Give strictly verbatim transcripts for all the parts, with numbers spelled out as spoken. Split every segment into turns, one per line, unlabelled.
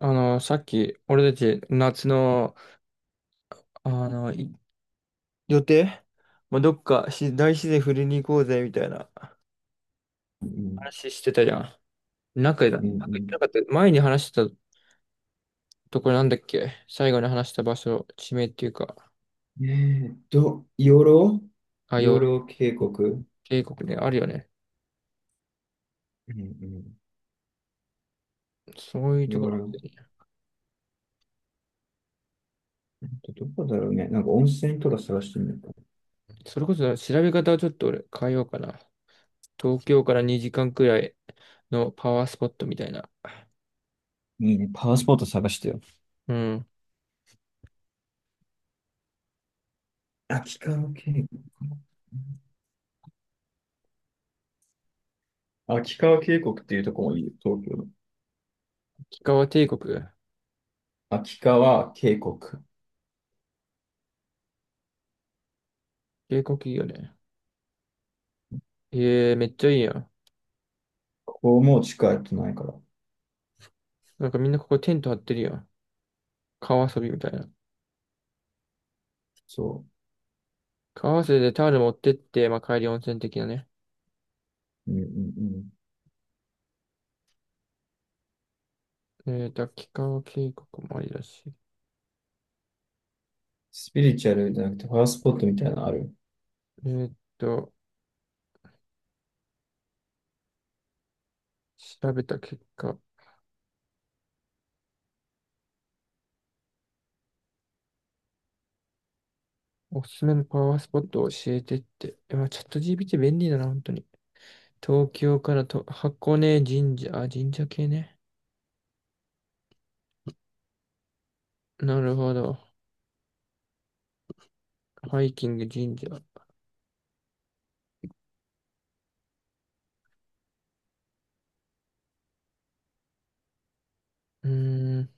あの、さっき、俺たち、夏の、あの、い予定、まあ、どっかし、大自然振りに行こうぜ、みたいな
うん
話してたじゃん。中だ。
う
なんか言って
ん。
なかった。前に話したところなんだっけ。最後に話した場所、地名っていうか、
うんえーっと、養老
あ、
養
洋
老渓谷。
帝国ね、あるよね。
うんうん。
そういうとこ
養
ろ。
老、どこだろうね。なんか温泉とか探してみるか。
それこそ、調べ方をちょっと俺変えようかな。東京からにじかんくらいのパワースポットみたいな。
いいね。パワースポット探してよ。
うん。
秋川渓谷。秋川渓谷っていうとこもいいよ、東京の。
氷川帝国。
秋川渓谷。こ
帝国いいよね。ええめっちゃいいやん。
こも近いとないから。
なんかみんなここテント張ってるよ。川遊びみたいな。
そ
川遊びでタオル持ってって、まあ、帰り温泉的なね。
う。うんうんうん。
えーと、秋川渓谷もありだし。
スピリチュアルじゃなくてパワースポットみたいなのある。
えーと、調べた結果、おすすめのパワースポットを教えてって。えまあ、チャット ジーピーティー 便利だな、本当に。東京からと箱根神社、あ、神社系ね。なるほど。ハイキング神社。うーん、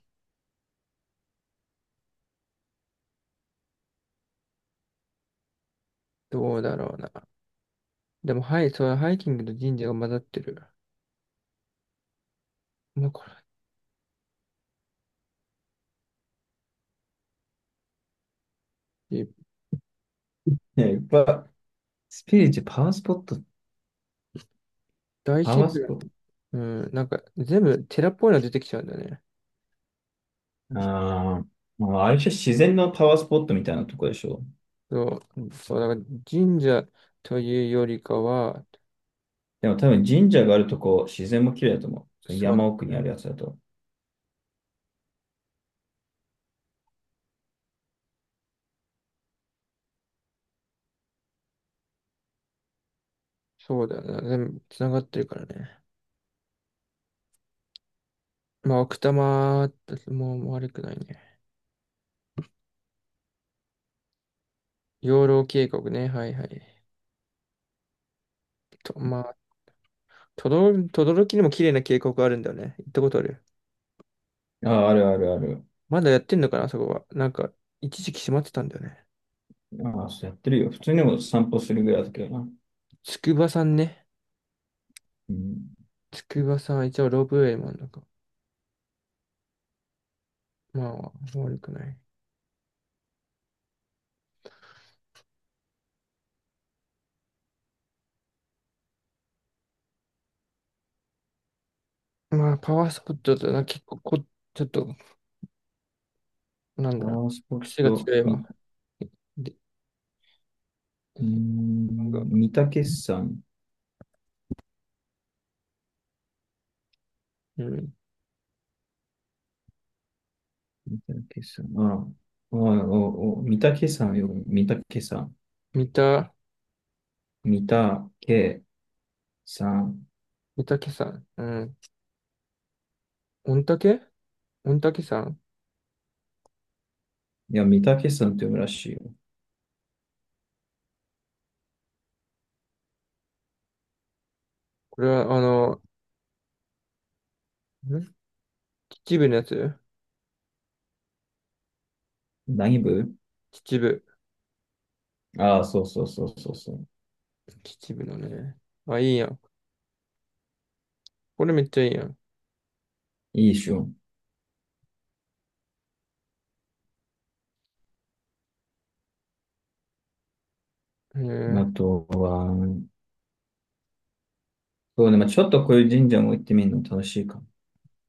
どうだろうな。でも、はい、そう、ハイキングと神社が混ざってる。まあ、これ、
ね、いっぱい。スピリチュアル、パワースポット、
大
パ
自
ワース
然。
ポット。
うん、なんか全部寺っぽいの出てきちゃうんだよね。
あー、まあ、あれじゃ自然のパワースポットみたいなとこでしょ。
そう、そう、だから神社というよりかは。
でも多分神社があるとこ、自然も綺麗だと思う。その
そうな
山
ん
奥に
だ
あ
ね。
るやつだと。
そうだよな、全部つながってるからね。まあ、奥多摩もも悪くないね。養老渓谷ね、はいはい。と、まあ、とどろ、とどろきにも綺麗な渓谷あるんだよね。行ったことある。
ああ、あるあるある。
まだやってんのかな、あそこは。なんか、一時期閉まってたんだよね。
ああ、そうやってるよ。普通にも散歩するぐらいだけどな。
筑波山ね。
うん。
筑波山、一応ロープウェイもあるのか。まあ、悪くない。まあ、パワースポットだとな、結構こ、ちょっと、なん
パ
だろう、
ワースポッ
癖が
ト、
強い
み、
わ。で、
うー
なんか、
ん、御嶽山。
うん、
御嶽山。ああ、おいおいおい御嶽山よ。御嶽山。
三田、
御嶽山。
三岳山、うん、御嶽御嶽山。
いや、御嶽山って読むらしいよ。
これは、あの、ん秩父のやつ。
何部。
秩父。
ああ、そうそうそうそうそう。
秩父のね。あ、いいやん。これめっちゃいいやん。
いいっしょ。
うん、う
あ
ん、
とは、そうね、まあ、ちょっとこういう神社も行ってみるの楽しいかも。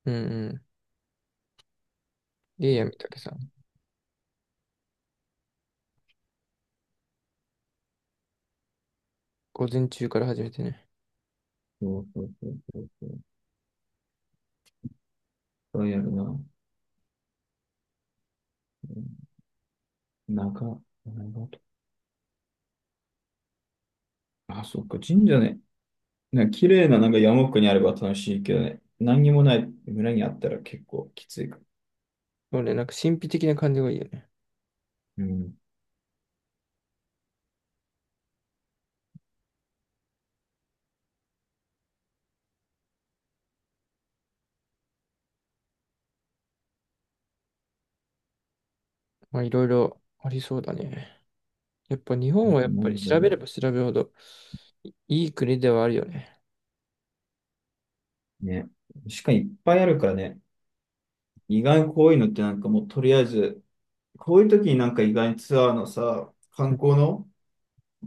うん。いいやん、三岳山。午前中から始めてね。
そうそうそうそうそう。そうやるな。ん、長、長と。あ、そっか、神社ね。なんか綺麗ななんか山奥にあれば楽しいけどね。何にもない村にあったら結構きついか。
そうね、なんか神秘的な感じがいいよね。
うん。
まあ、いろいろありそうだね。やっぱ日
あ
本はや
と
っ
な
ぱり
んだ
調べ
ろ
れば調べるほどいいい国ではあるよね。
う。ね。しかにいっぱいあるからね。意外にこういうのってなんかもうとりあえず、こういう時になんか意外にツアーのさ、観光の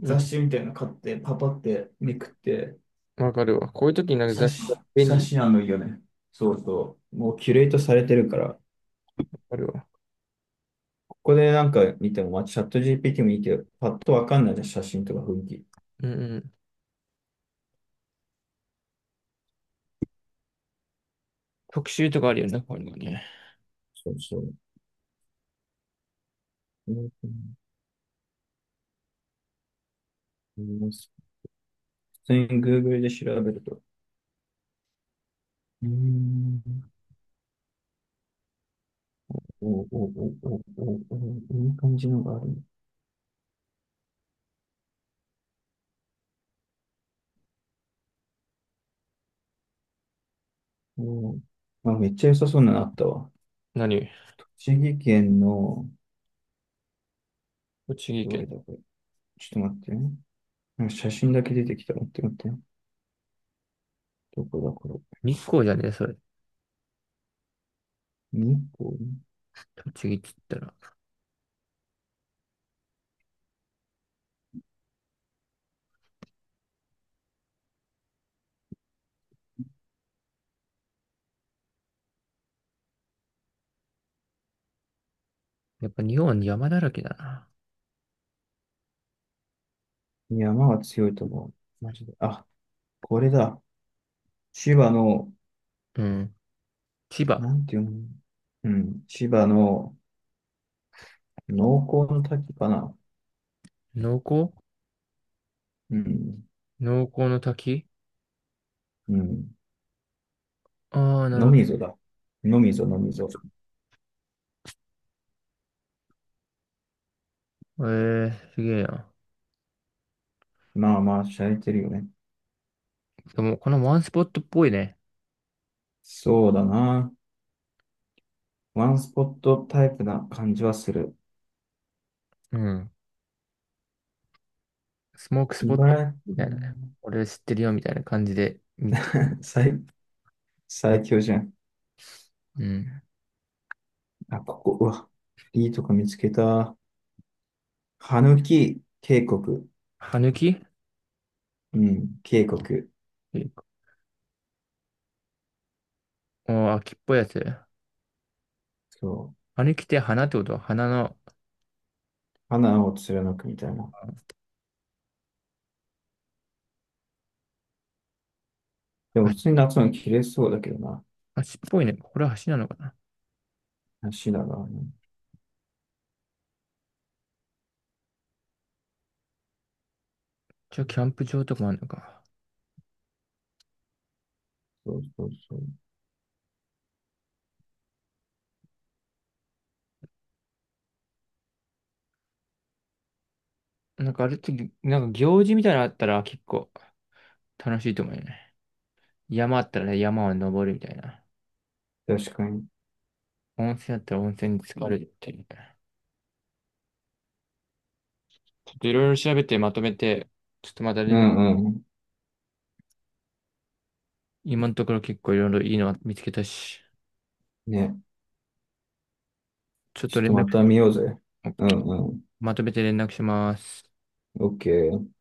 うん、
誌みたいなの買って、パパってめくって、
わかるわ。こういう時になんか
写
雑誌
真、
が便
写
利。わ
真あのいいよね。そうそう。もうキュレートされてるから、
かるわ。
ここでなんか見ても、まあ、チャット ジーピーティー もいいけど、パッとわかんないじゃん、写真とか雰囲気。
うんうん。特集とかあるよね、こういうのね。
そうそう。うん、普通に Google で調べると。うーん。おおおおおお、いい感じのがあるね。おー、まあ、めっちゃ良さそうなのあったわ。
何。
栃木県の、
栃木
ど
県。
れだこれ。ちょっと待ってね。なんか写真だけ出てきた。待って待って。どこだこれ。
日光じゃねえ、それ。
日光、
栃木って言ったら、やっぱ日本山だらけだな。
いや、山が強いと思う。マジで。あ、これだ。千葉の、
うん。千葉。
なんていうの。うん。千葉の濃厚の滝かな。
農耕
うん。
農耕の滝。
うん。
ああー、な
の
る
みぞだ。のみぞ、のみぞ。
ほど。ええ、すげえな。
まあまあ、しゃれてるよね。
でも、このワンスポットっぽいね。
そうだな。ワンスポットタイプな感じはする。
うん。スモークスポッ
茨
ト
城、
み
う
たいな。
ん、
俺知ってるよみたいな感じで見つけた。
最、最強じゃん。
うん。
あ、ここ、うわ。いいとこ見つけた。羽き渓谷。
歯抜き。
うん、渓谷。
あー、秋っぽいやつ。
そう。
あれ着て花ってことは花の、
花を貫くみたいな。でも
あ、
普通に夏の切れそうだけどな。
足っぽいね。これは橋なのかな。
足だからね。
じゃあキャンプ場とかもあるのか。
そうそうそう。
なんかあれって、なんか行事みたいなのあったら結構楽しいと思うよね。山あったらね、山を登るみたいな。
確かに。
温泉あったら温泉に浸かるみたいな。ちょっといろいろ調べてまとめて、ちょっとまた
う
連絡、
んうん。
今のところ結構いろいろいいの見つけたし、
ね。
ちょっ
ちょ
と
っ
連
とま
絡し
た
よ
見ようぜ。
う。オッ
う
ケ
ん
ー。
うん。
まとめて連絡します。
オッケー。